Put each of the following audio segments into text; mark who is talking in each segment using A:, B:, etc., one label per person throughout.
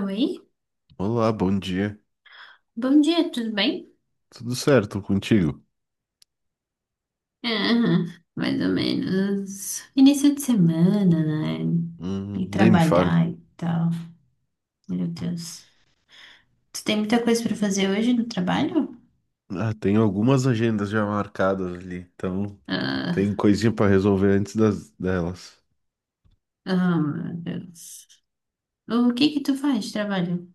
A: Oi,
B: Olá, bom dia.
A: bom dia, tudo bem?
B: Tudo certo contigo?
A: Ah, mais ou menos. Início de semana, né? E
B: Nem me fale.
A: trabalhar e tal. Meu Deus. Tu tem muita coisa pra fazer hoje no trabalho?
B: Ah, tem algumas agendas já marcadas ali, então tem
A: Ah,
B: coisinha para resolver antes delas.
A: ah, meu Deus. O que que tu faz de trabalho?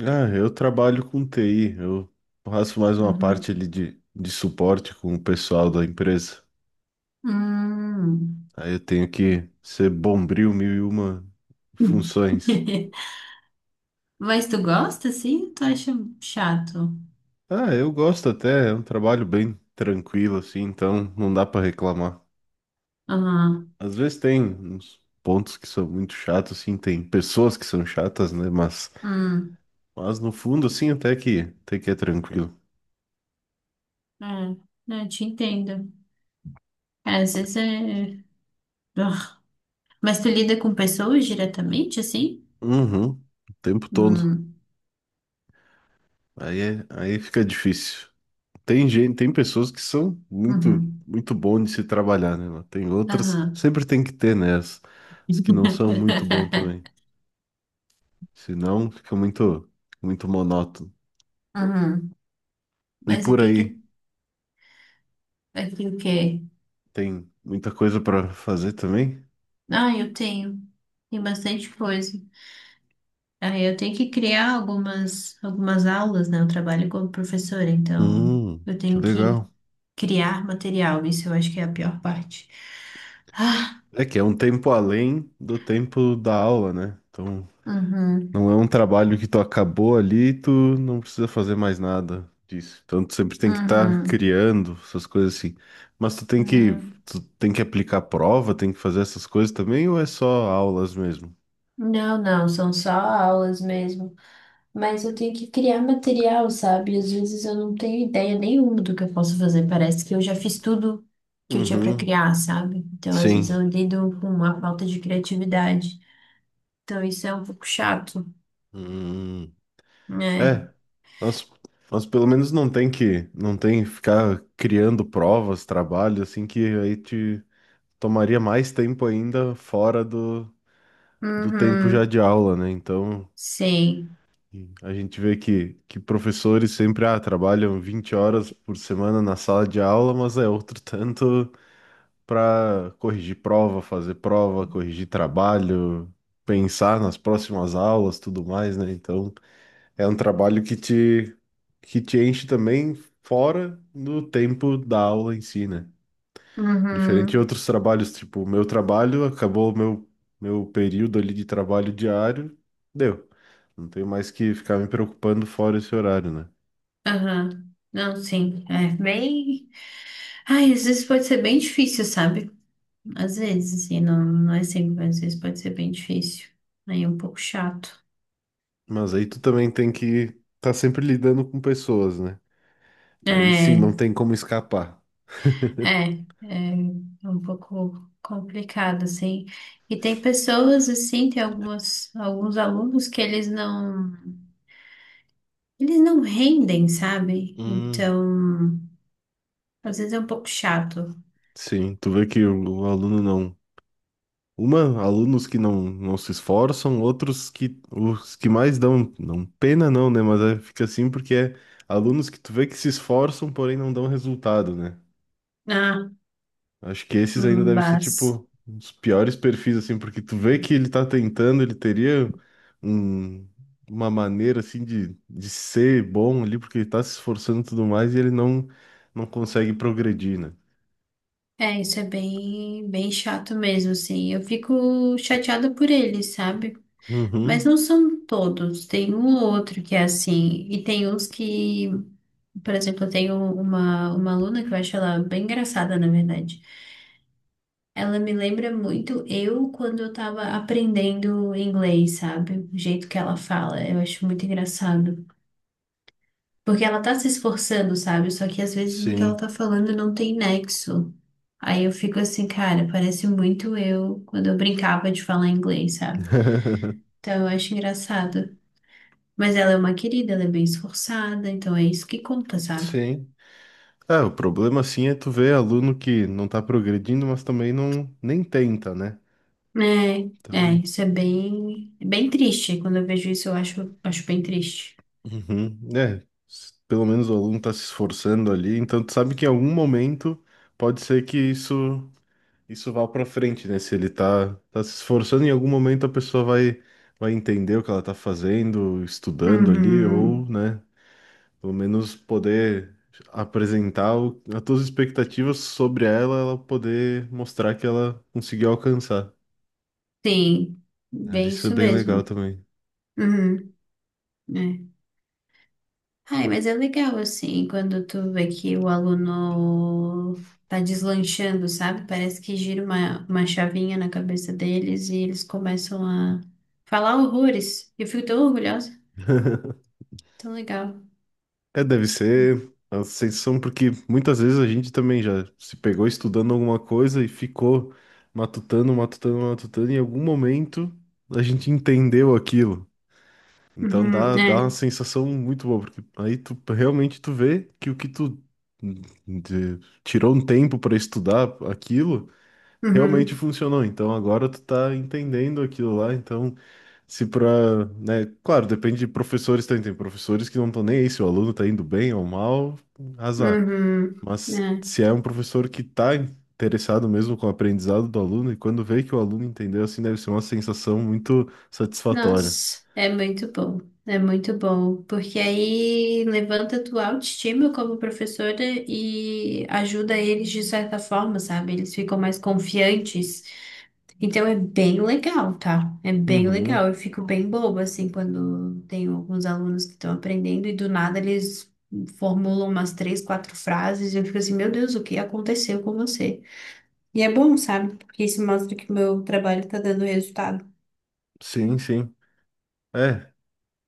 B: Ah, eu trabalho com TI, eu faço mais uma parte
A: Uhum.
B: ali de suporte com o pessoal da empresa.
A: Hum.
B: Aí eu tenho que ser bombril mil e uma funções.
A: Mas tu gosta, sim? Tu acha chato?
B: Ah, eu gosto até, é um trabalho bem tranquilo assim, então não dá para reclamar.
A: Ah.
B: Às vezes tem uns pontos que são muito chatos, assim, tem pessoas que são chatas, né? Mas,
A: Hum.
B: mas no fundo, assim, até que é tranquilo.
A: É, né, eu te entendo. Às vezes é. Mas tu lida com pessoas diretamente, assim?
B: Uhum, o tempo todo.
A: Hum,
B: Aí fica difícil. Tem pessoas que são muito,
A: uhum,
B: muito bom de se trabalhar, né? Mas tem outras,
A: aham.
B: sempre tem que ter, né? As que não são muito bom também. Senão fica muito, muito monótono.
A: Uhum.
B: E
A: Mas o
B: por
A: que
B: aí,
A: que aqui o quê?
B: tem muita coisa para fazer também?
A: Ah, eu tenho, tem bastante coisa. Aí eu tenho que criar algumas aulas, né? Eu trabalho como professora, então eu
B: Que
A: tenho que
B: legal.
A: criar material. Isso eu acho que é a pior parte.
B: É que é um tempo além do tempo da aula, né? Então,
A: Uhum,
B: não é um trabalho que tu acabou ali, e tu não precisa fazer mais nada disso. Então, tu sempre tem que estar
A: uhum.
B: criando essas coisas assim. Mas tu tem que,
A: Hum.
B: tu tem que aplicar prova, tem que fazer essas coisas também, ou é só aulas mesmo?
A: Não, não, são só aulas mesmo. Mas eu tenho que criar material, sabe? Às vezes eu não tenho ideia nenhuma do que eu posso fazer. Parece que eu já fiz tudo que eu tinha para
B: Uhum,
A: criar, sabe? Então, às vezes
B: sim.
A: eu lido com uma falta de criatividade. Então, isso é um pouco chato,
B: Hum,
A: né?
B: é, mas, mas pelo menos não tem que ficar criando provas, trabalho, assim, que aí te tomaria mais tempo ainda fora do tempo já
A: Uhum.
B: de aula, né? Então,
A: Sim.
B: a gente vê que professores sempre trabalham 20 horas por semana na sala de aula, mas é outro tanto para corrigir prova, fazer prova, corrigir trabalho, pensar nas próximas aulas, tudo mais, né? Então, é um trabalho que te enche também fora do tempo da aula em si, né? Diferente de
A: Uhum.
B: outros trabalhos, tipo, o meu trabalho acabou o meu período ali de trabalho diário, deu. Não tenho mais que ficar me preocupando fora esse horário, né?
A: Aham. Não, sim. É bem. Ai, às vezes pode ser bem difícil, sabe? Às vezes, assim, não é sempre, mas às vezes pode ser bem difícil. Aí é um pouco chato.
B: Mas aí tu também tem que estar tá sempre lidando com pessoas, né? Aí sim,
A: É.
B: não tem como escapar.
A: É, é um pouco complicado, assim. E tem pessoas, assim, tem algumas, alguns alunos que eles não rendem, sabe?
B: Hum,
A: Então, às vezes é um pouco chato.
B: Sim, tu vê que o aluno não. Alunos que não se esforçam, outros que os que mais dão, não pena não, né? Mas fica assim porque é alunos que tu vê que se esforçam, porém não dão resultado, né?
A: Ah,
B: Acho que esses ainda devem ser,
A: mas
B: tipo, os piores perfis, assim, porque tu vê que ele tá tentando, ele teria um- uma maneira, assim, de ser bom ali, porque ele tá se esforçando e tudo mais, e ele não consegue progredir, né?
A: é, isso é bem, bem chato mesmo, assim. Eu fico chateada por eles, sabe? Mas
B: Uhum,
A: não são todos, tem um ou outro que é assim, e tem uns que, por exemplo, eu tenho uma aluna que eu acho ela bem engraçada, na verdade. Ela me lembra muito eu quando eu tava aprendendo inglês, sabe? O jeito que ela fala, eu acho muito engraçado. Porque ela tá se esforçando, sabe? Só que às vezes o que ela
B: sim.
A: tá falando não tem nexo. Aí eu fico assim, cara, parece muito eu quando eu brincava de falar inglês, sabe? Então eu acho engraçado. Mas ela é uma querida, ela é bem esforçada, então é isso que conta, sabe?
B: Sim. O problema, assim, é tu ver aluno que não tá progredindo, mas também não, nem tenta, né?
A: É, é,
B: Então,
A: isso é bem triste. Quando eu vejo isso, eu acho, acho bem triste.
B: uhum, é, pelo menos o aluno está se esforçando ali, então tu sabe que em algum momento pode ser que isso vai pra frente, né? Se ele tá se esforçando, em algum momento a pessoa vai entender o que ela tá fazendo, estudando ali, ou,
A: Uhum.
B: né, pelo menos poder apresentar as tuas expectativas sobre ela, ela poder mostrar que ela conseguiu alcançar,
A: Sim,
B: né? Mas
A: bem
B: isso é
A: isso
B: bem legal
A: mesmo.
B: também.
A: Uhum, é. Ai, mas é legal assim, quando tu vê que o aluno tá deslanchando, sabe? Parece que gira uma chavinha na cabeça deles e eles começam a falar horrores. Eu fico tão orgulhosa, tão legal.
B: É, deve ser a sensação, porque muitas vezes a gente também já se pegou estudando alguma coisa e ficou matutando, matutando, matutando, e em algum momento a gente entendeu aquilo. Então
A: Uhum,
B: dá uma
A: é.
B: sensação muito boa, porque aí tu realmente tu vê que o que tu de- tirou um tempo para estudar aquilo realmente
A: Uhum,
B: funcionou. Então agora tu tá entendendo aquilo lá. Então, se pra, né, claro, depende de professores também. Tem professores que não estão nem aí se o aluno tá indo bem ou mal, azar.
A: uhum,
B: Mas
A: é.
B: se é um professor que tá interessado mesmo com o aprendizado do aluno, e quando vê que o aluno entendeu, assim, deve ser uma sensação muito satisfatória.
A: Nossa, é muito bom. É muito bom, porque aí levanta a tua autoestima como professora e ajuda eles de certa forma, sabe? Eles ficam mais confiantes. Então é bem legal, tá? É bem
B: Uhum,
A: legal. Eu fico bem boba, assim, quando tenho alguns alunos que estão aprendendo e do nada eles formulam umas três, quatro frases e eu fico assim, meu Deus, o que aconteceu com você? E é bom, sabe? Porque isso mostra que o meu trabalho tá dando resultado.
B: sim, sim. É,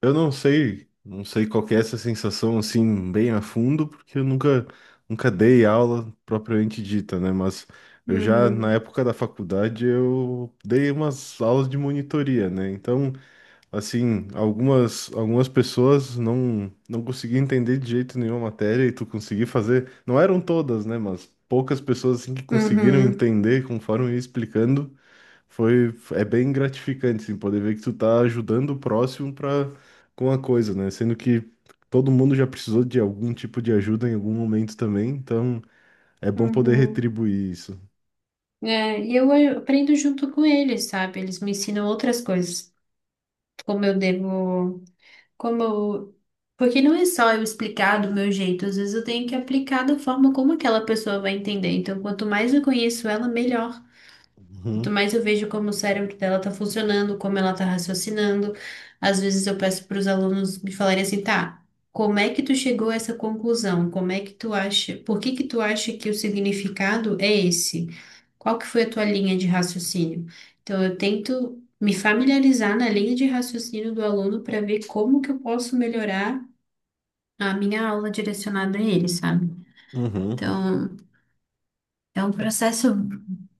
B: eu não sei qual que é essa sensação assim bem a fundo, porque eu nunca dei aula propriamente dita, né? Mas eu já na
A: Uhum.
B: época da faculdade eu dei umas aulas de monitoria, né? Então, assim, algumas pessoas não conseguiam entender de jeito nenhum a matéria e tu conseguir fazer. Não eram todas, né? Mas poucas pessoas assim, que conseguiram
A: Uhum.
B: entender conforme eu ia explicando. É bem gratificante, assim, poder ver que tu tá ajudando o próximo com a coisa, né? Sendo que todo mundo já precisou de algum tipo de ajuda em algum momento também, então é bom poder
A: Uhum.
B: retribuir isso.
A: É, e eu aprendo junto com eles, sabe? Eles me ensinam outras coisas, como eu devo, como eu... Porque não é só eu explicar do meu jeito, às vezes eu tenho que aplicar da forma como aquela pessoa vai entender. Então, quanto mais eu conheço ela, melhor. Quanto
B: Uhum,
A: mais eu vejo como o cérebro dela tá funcionando, como ela tá raciocinando, às vezes eu peço para os alunos me falarem assim, tá, como é que tu chegou a essa conclusão? Como é que tu acha, por que que tu acha que o significado é esse? Qual que foi a tua linha de raciocínio? Então eu tento me familiarizar na linha de raciocínio do aluno para ver como que eu posso melhorar a minha aula direcionada a ele, sabe?
B: uhum.
A: Então, é um processo,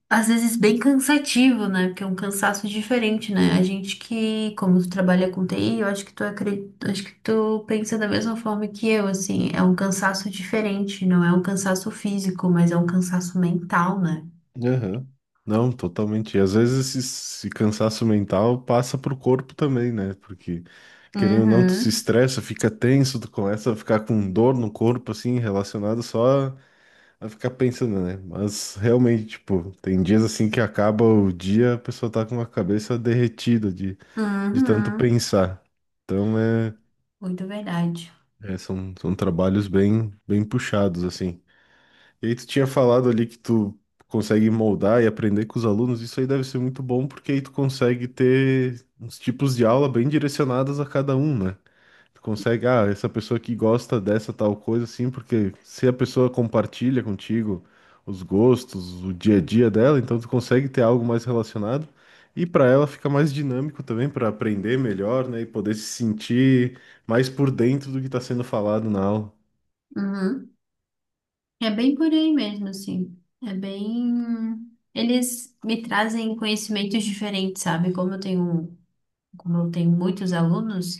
A: às vezes, bem cansativo, né? Porque é um cansaço diferente, né? A gente que, como tu trabalha com TI, eu acho que tu acho que tu pensa da mesma forma que eu, assim, é um cansaço diferente, não é um cansaço físico, mas é um cansaço mental, né?
B: Aham. Não, totalmente. E às vezes esse cansaço mental passa pro corpo também, né? Porque, querendo ou não, tu se
A: Uhum,
B: estressa, fica tenso, tu começa a ficar com dor no corpo, assim, relacionado só a ficar pensando, né? Mas realmente, tipo, tem dias assim que acaba o dia, a pessoa tá com a cabeça derretida de tanto
A: uhum,
B: pensar. Então, é,
A: muito verdade.
B: é, são trabalhos bem, bem puxados, assim. E aí tu tinha falado ali que tu consegue moldar e aprender com os alunos, isso aí deve ser muito bom, porque aí tu consegue ter uns tipos de aula bem direcionadas a cada um, né? Tu consegue, ah, essa pessoa aqui gosta dessa tal coisa, assim, porque se a pessoa compartilha contigo os gostos, o dia a dia dela, então tu consegue ter algo mais relacionado. E para ela fica mais dinâmico também para aprender melhor, né? E poder se sentir mais por dentro do que está sendo falado na aula.
A: Uhum. É bem por aí mesmo, assim. É bem. Eles me trazem conhecimentos diferentes, sabe? Como eu tenho muitos alunos.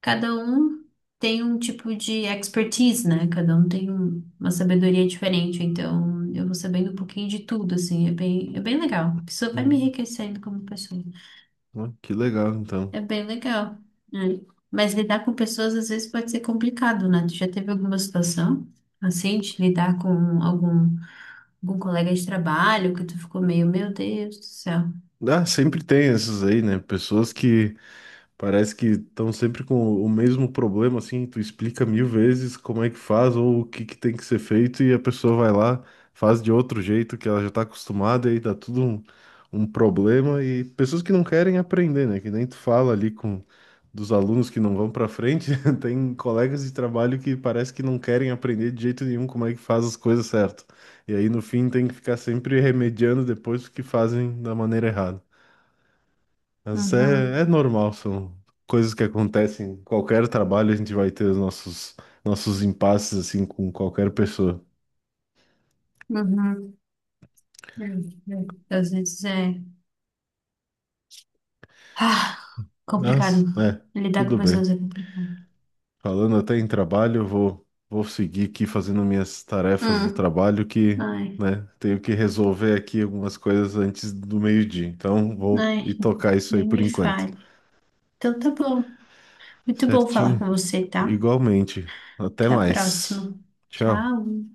A: Cada um tem um tipo de expertise, né? Cada um tem uma sabedoria diferente, então eu vou sabendo um pouquinho de tudo, assim, é bem legal. A vai me
B: Hum,
A: enriquecendo como pessoa.
B: Ó, que legal, então.
A: É bem legal. Né? Mas lidar com pessoas às vezes pode ser complicado, né? Tu já teve alguma situação assim, de lidar com algum, algum colega de trabalho que tu ficou meio, meu Deus do céu.
B: Ah, sempre tem essas aí, né? Pessoas que parece que estão sempre com o mesmo problema, assim, tu explica mil vezes como é que faz ou o que que tem que ser feito e a pessoa vai lá, faz de outro jeito que ela já tá acostumada e aí dá tudo um problema e pessoas que não querem aprender, né? Que nem tu fala ali com dos alunos que não vão pra frente, tem colegas de trabalho que parece que não querem aprender de jeito nenhum como é que faz as coisas certo. E aí no fim tem que ficar sempre remediando depois o que fazem da maneira errada. Mas é,
A: Uhum,
B: é normal, são coisas que acontecem em qualquer trabalho. A gente vai ter os nossos impasses assim com qualquer pessoa.
A: uhum. Às vezes é ah,
B: Mas,
A: complicado.
B: é,
A: Lidar com
B: tudo bem.
A: pessoas é complicado.
B: Falando até em trabalho, eu vou seguir aqui fazendo minhas tarefas do
A: Hum.
B: trabalho que,
A: Ai,
B: né, tenho que resolver aqui algumas coisas antes do meio-dia. Então, vou ir
A: ai,
B: tocar isso aí
A: nem
B: por
A: me
B: enquanto.
A: fale. Então tá bom. Muito bom falar
B: Certinho?
A: com você, tá?
B: Igualmente. Até
A: Até a
B: mais.
A: próxima.
B: Tchau.
A: Tchau.